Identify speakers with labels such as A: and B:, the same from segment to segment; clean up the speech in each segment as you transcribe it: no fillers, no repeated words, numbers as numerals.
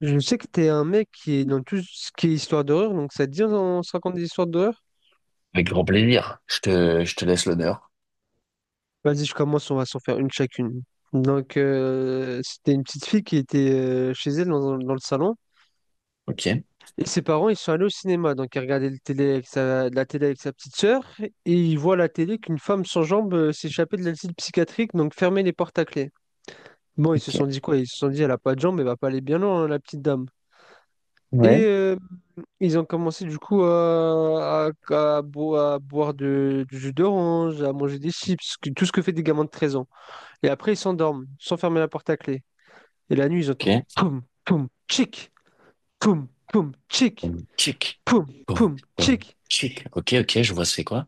A: Je sais que t'es un mec qui est dans tout ce qui est histoire d'horreur, donc ça te dit on se raconte des histoires d'horreur?
B: Avec grand plaisir. Je te laisse l'honneur.
A: Vas-y, je commence, on va s'en faire une chacune. Donc, c'était une petite fille qui était chez elle dans le salon,
B: Ok.
A: et ses parents, ils sont allés au cinéma, donc elle regardait le télé avec sa, la télé avec sa petite sœur, et ils voient à la télé qu'une femme sans jambes s'échappait de l'asile psychiatrique, donc fermait les portes à clé. Bon, ils se
B: Ok.
A: sont dit quoi? Ils se sont dit, elle a pas de jambes, elle va pas aller bien loin, hein, la petite dame. Et
B: Ouais.
A: ils ont commencé du coup à boire du jus d'orange, à manger des chips, tout ce que fait des gamins de 13 ans. Et après, ils s'endorment, sans fermer la porte à clé. Et la nuit, ils entendent
B: Ok.
A: poum, poum, tchic, poum, poum, tchic,
B: Bon, tchic.
A: poum,
B: Bon,
A: poum,
B: bon,
A: tchic.
B: tchic. Ok, ok, je vois c'est quoi.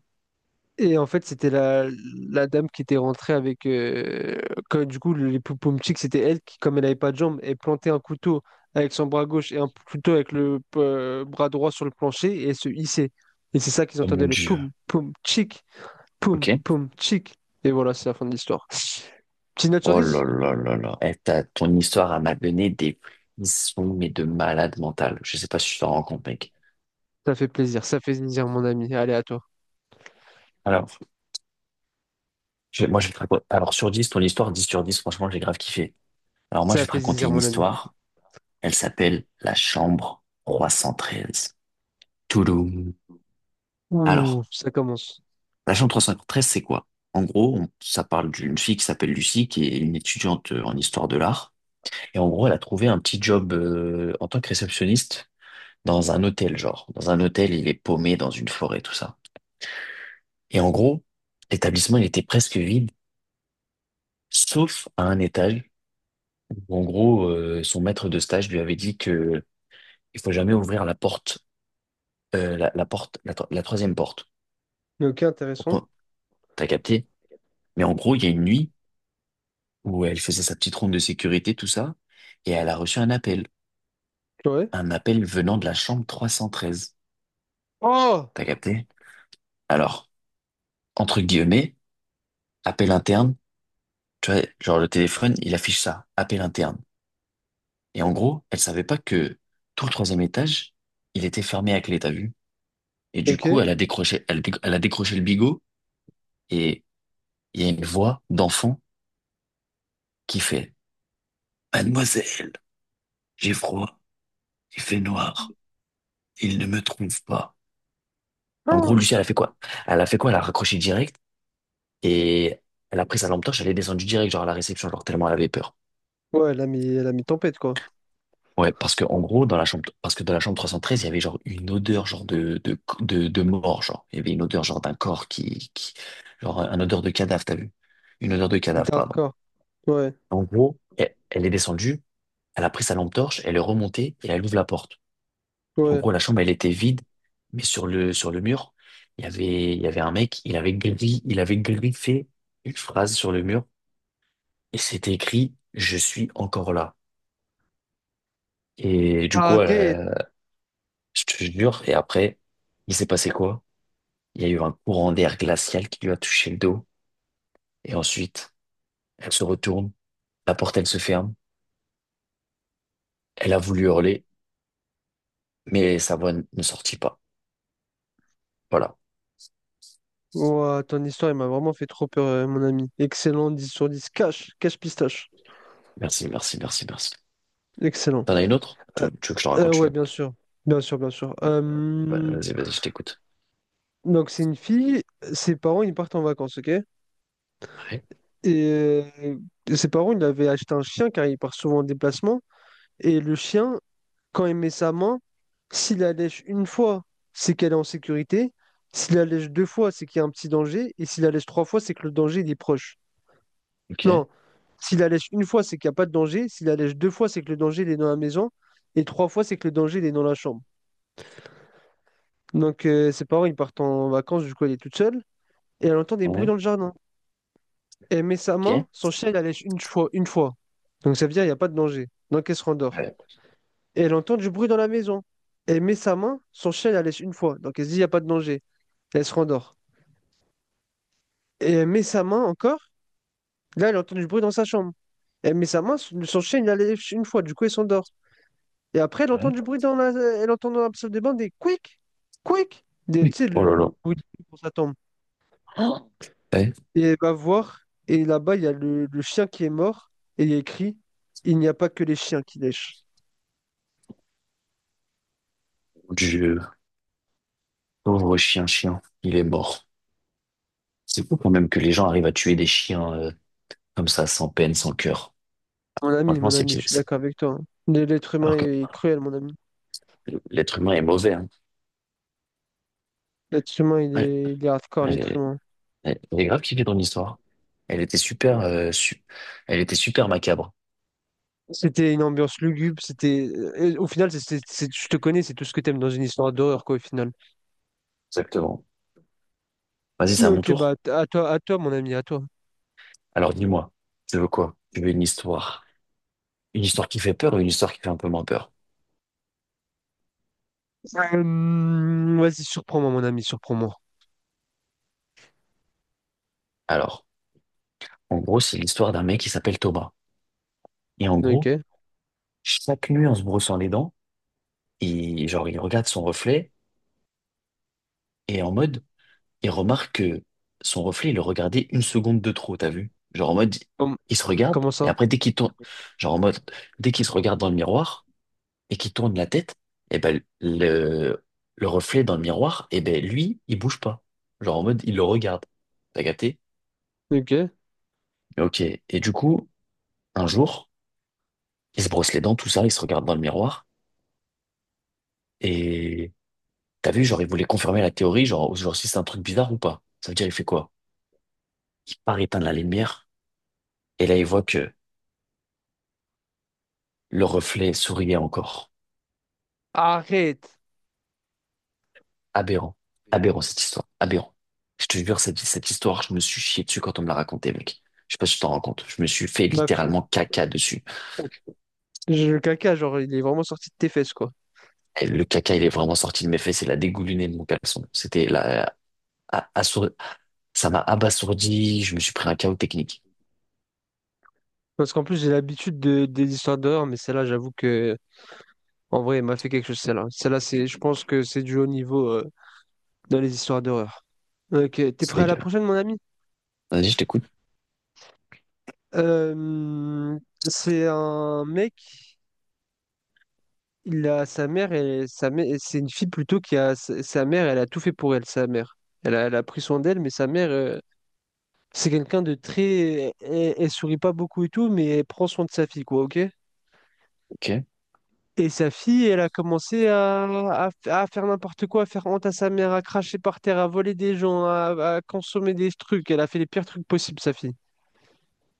A: Et en fait, c'était la dame qui était rentrée avec. Quand, du coup, les Poupomchik, c'était elle qui, comme elle n'avait pas de jambes, elle plantait un couteau avec son bras gauche et un couteau avec le bras droit sur le plancher et elle se hissait. Et c'est ça qu'ils
B: Oh mon
A: entendaient, le
B: Dieu.
A: poum, poum, chic, poum,
B: Ok.
A: poum, chic. Et voilà, c'est la fin de l'histoire. Petite note sur
B: Oh là
A: dix,
B: là là là. Eh, ton histoire elle m'a donné des frissons, mais de malade mental. Je sais pas si tu t'en rends compte, mec.
A: Ça fait plaisir, mon ami. Allez, à toi.
B: Alors, moi, je vais te raconter. Alors, sur 10, ton histoire, 10 sur 10. Franchement, j'ai grave kiffé. Alors, moi,
A: Ça
B: je
A: fait
B: vais te raconter
A: plaisir,
B: une
A: mon ami.
B: histoire. Elle s'appelle La Chambre 313. Touloum.
A: Ouh,
B: Alors,
A: ça commence.
B: La chambre trois cent cinquante-treize, c'est quoi? En gros, ça parle d'une fille qui s'appelle Lucie, qui est une étudiante en histoire de l'art. Et en gros, elle a trouvé un petit job en tant que réceptionniste dans un hôtel, genre. Dans un hôtel, il est paumé dans une forêt, tout ça. Et en gros, l'établissement, il était presque vide, sauf à un étage où, en gros, son maître de stage lui avait dit que il faut jamais ouvrir la porte, la porte, la troisième porte.
A: Ok, intéressant.
B: Pourquoi? T'as capté? Mais en gros, il y a une nuit, où elle faisait sa petite ronde de sécurité, tout ça, et elle a reçu un appel.
A: Ouais.
B: Un appel venant de la chambre 313.
A: Oh!
B: T'as capté? Alors, entre guillemets, appel interne, tu vois, genre le téléphone, il affiche ça, appel interne. Et en gros, elle savait pas que tout le troisième étage, il était fermé à clé, t'as vu? Et du
A: Ok.
B: coup, elle a décroché, elle a décroché le bigot, et il y a une voix d'enfant qui fait, Mademoiselle, j'ai froid, il fait noir, il ne me trouve pas. En gros,
A: Ah.
B: Lucie, elle a fait quoi? Elle a fait quoi? Elle a raccroché direct. Et elle a pris sa lampe torche, elle est descendue direct, genre à la réception, genre tellement elle avait peur.
A: Ouais, elle a mis tempête, quoi.
B: Ouais, parce que en gros, dans la chambre, parce que dans la chambre 313 il y avait genre une odeur genre de mort, genre il y avait une odeur genre d'un corps qui genre un odeur de cadavre, t'as vu? Une odeur de cadavre,
A: C'était
B: pardon.
A: hardcore. Ouais,
B: En gros, elle est descendue, elle a pris sa lampe torche, elle est remontée et elle ouvre la porte. En
A: ouais.
B: gros, la chambre elle était vide, mais sur le mur, il y avait un mec, il avait il avait griffé une phrase sur le mur et c'était écrit «Je suis encore là». Et du coup,
A: Arrête!
B: je te jure, et après, il s'est passé quoi? Il y a eu un courant d'air glacial qui lui a touché le dos. Et ensuite, elle se retourne, la porte, elle se ferme. Elle a voulu hurler, mais sa ne sortit pas. Voilà.
A: Ouah, ton histoire, il m'a vraiment fait trop peur, mon ami. Excellent, 10 sur 10. Cache, cache pistache.
B: Merci, merci, merci, merci.
A: Excellent.
B: T'en as une autre? Tu,
A: Euh,
B: tu veux que je te raconte une
A: ouais, bien
B: autre?
A: sûr. Bien sûr, bien sûr.
B: Ouais, Vas-y, je t'écoute.
A: Donc, c'est une fille, ses parents, ils partent en vacances, ok? Et
B: Ouais.
A: euh, ses parents, ils avaient acheté un chien car il part souvent en déplacement. Et le chien, quand il met sa main, s'il la lèche une fois, c'est qu'elle est en sécurité. S'il la lèche deux fois, c'est qu'il y a un petit danger. Et s'il la lèche trois fois, c'est que le danger, il est proche.
B: Ok.
A: Non, s'il la lèche une fois, c'est qu'il n'y a pas de danger. S'il la lèche deux fois, c'est que le danger, il est dans la maison. Et trois fois, c'est que le danger, il est dans la chambre. Donc, ses parents, ils partent en vacances, du coup, elle est toute seule. Et elle entend des bruits
B: Ouais.
A: dans le jardin. Elle met sa
B: Ok.
A: main, son chien, il la lèche une fois, une fois. Donc, ça veut dire, il n'y a pas de danger. Donc, elle se rendort.
B: Ouais.
A: Et elle entend du bruit dans la maison. Elle met sa main, son chien, il la lèche une fois. Donc, elle se dit, il n'y a pas de danger. Elle se rendort. Et elle met sa main encore. Là, elle entend du bruit dans sa chambre. Elle met sa main, son chien, il la lèche une fois. Du coup, elle s'endort. Et après, elle entend
B: Ouais.
A: du bruit dans la... Elle entend dans la salle de bain des quick, quick. Des,
B: Oui.
A: tu sais,
B: Oh
A: le,
B: là
A: le
B: là.
A: bruit quand ça tombe.
B: Oh. Ouais.
A: Et elle va voir, et là-bas, il y a le chien qui est mort, et il y a écrit, il n'y a pas que les chiens qui lèchent.
B: Dieu. Pauvre chien, chien. Il est mort. C'est fou quand même que les gens arrivent à tuer des chiens. Comme ça, sans peine, sans cœur. Franchement,
A: Mon
B: c'est
A: ami,
B: petit.
A: je suis d'accord avec toi, hein. L'être humain
B: Alors que
A: est cruel, mon ami.
B: l'être humain est mauvais. Hein.
A: L'être humain, il
B: Ouais.
A: est, il est hardcore,
B: Elle
A: l'être
B: est,
A: humain.
B: elle est grave kiffée ton histoire. Elle était super, elle était super macabre.
A: C'était une ambiance lugubre, c'était... au final, je te connais, c'est tout ce que t'aimes dans une histoire d'horreur, quoi, au final.
B: Exactement. Vas-y, c'est à mon
A: Ok, bah,
B: tour.
A: à toi, mon ami, à toi.
B: Alors dis-moi, tu veux quoi? Tu veux une histoire qui fait peur ou une histoire qui fait un peu moins peur?
A: Vas-y, surprends-moi, mon ami, surprends-moi.
B: Alors, en gros, c'est l'histoire d'un mec qui s'appelle Thomas. Et en gros,
A: Ok.
B: chaque nuit, en se brossant les dents, il, genre, il regarde son reflet et en mode, il remarque que son reflet, il le regardait une seconde de trop, t'as vu? Genre en mode,
A: Com-
B: il se regarde,
A: Comment
B: et
A: ça?
B: après, dès qu'il tourne, genre en mode, dès qu'il se regarde dans le miroir et qu'il tourne la tête, et ben, le reflet dans le miroir, et ben, lui, il bouge pas. Genre en mode, il le regarde. T'as capté?
A: Ok.
B: Ok. Et du coup, un jour, il se brosse les dents, tout ça, il se regarde dans le miroir, et t'as vu, genre, il voulait confirmer la théorie, genre si c'est un truc bizarre ou pas. Ça veut dire, il fait quoi? Il part éteindre la lumière, et là, il voit que le reflet souriait encore.
A: Arrête!
B: Aberrant. Aberrant, cette histoire. Aberrant. Je te jure, cette histoire, je me suis chié dessus quand on me l'a raconté, mec. Je sais pas si tu t'en rends compte. Je me suis fait
A: Ma...
B: littéralement caca dessus.
A: Le caca, genre, il est vraiment sorti de tes fesses, quoi.
B: Et le caca, il est vraiment sorti de mes fesses et la dégouliné de mon caleçon. C'était la, a- assour- ça m'a abasourdi. Je me suis pris un chaos technique.
A: Parce qu'en plus, j'ai l'habitude de... des histoires d'horreur, mais celle-là, j'avoue que, en vrai, elle m'a fait quelque chose, celle-là. Celle-là, c'est... je pense que c'est du haut niveau dans les histoires d'horreur. Ok, t'es prêt
B: C'est
A: à la
B: dur.
A: prochaine, mon ami?
B: Vas-y, je t'écoute.
A: C'est un mec, il a sa mère, et sa mère, c'est une fille plutôt qui a sa mère, elle a tout fait pour elle, sa mère. Elle a pris soin d'elle, mais sa mère, c'est quelqu'un de très. Elle, elle sourit pas beaucoup et tout, mais elle prend soin de sa fille, quoi, ok?
B: Ok.
A: Et sa fille, elle a commencé à faire n'importe quoi, à faire honte à sa mère, à cracher par terre, à voler des gens, à consommer des trucs. Elle a fait les pires trucs possibles, sa fille.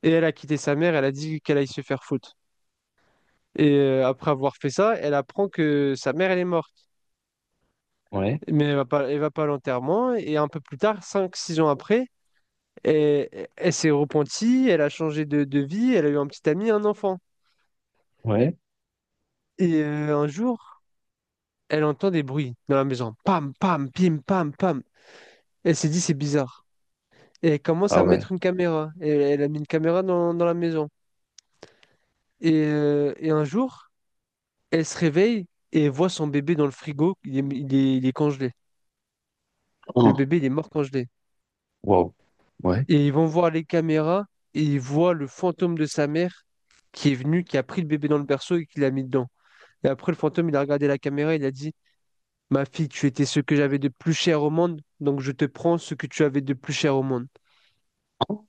A: Et elle a quitté sa mère, elle a dit qu'elle allait se faire foutre. Et après avoir fait ça, elle apprend que sa mère, elle est morte.
B: Ouais.
A: Mais elle va pas à l'enterrement. Et un peu plus tard, 5 6 ans après, elle, elle s'est repentie, elle a changé de vie, elle a eu un petit ami, un enfant.
B: Ouais.
A: Et un jour, elle entend des bruits dans la maison. Pam, pam, pim, pam, pam. Elle s'est dit, c'est bizarre. Et elle commence
B: Ah
A: à
B: ouais.
A: mettre une caméra. Et elle a mis une caméra dans la maison. Et un jour, elle se réveille et elle voit son bébé dans le frigo. Il est congelé. Le
B: Hum.
A: bébé, il est mort congelé.
B: Wow. Ouais.
A: Et ils vont voir les caméras et ils voient le fantôme de sa mère qui est venu, qui a pris le bébé dans le berceau et qui l'a mis dedans. Et après, le fantôme, il a regardé la caméra et il a dit, ma fille, tu étais ce que j'avais de plus cher au monde, donc je te prends ce que tu avais de plus cher au monde.
B: Wow.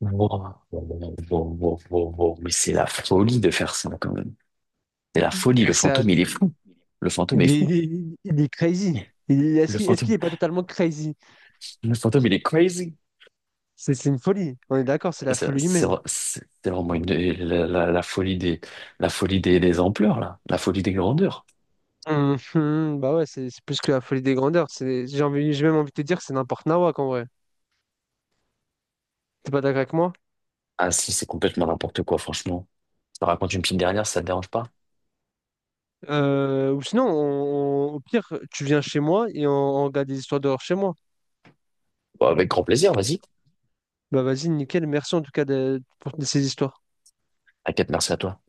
B: Wow, wow, wow, wow, wow. Mais c'est la folie de faire ça, quand même. C'est la folie,
A: Et
B: le
A: ça,
B: fantôme, il est fou. Le fantôme est fou.
A: Il est crazy.
B: Le
A: Est-ce qu'il
B: fantôme,
A: est pas totalement crazy?
B: le fantôme, il est crazy.
A: C'est une folie. On est d'accord, c'est
B: Et
A: la
B: C'est
A: folie
B: c'est-
A: humaine.
B: c'est vraiment la folie la folie des ampleurs, là. La folie des grandeurs.
A: Mhm, bah ouais, c'est plus que la folie des grandeurs. C'est, j'ai même envie de te dire, c'est n'importe nawak en vrai. T'es pas d'accord avec moi?
B: Ah si, c'est complètement n'importe quoi, franchement. Je te raconte une petite dernière, si ça te dérange pas?
A: Ou sinon, au pire, tu viens chez moi et on regarde des histoires d'horreur chez moi.
B: Bon, avec grand plaisir, vas-y.
A: Bah vas-y, nickel. Merci en tout cas pour ces histoires.
B: T'inquiète, merci à toi.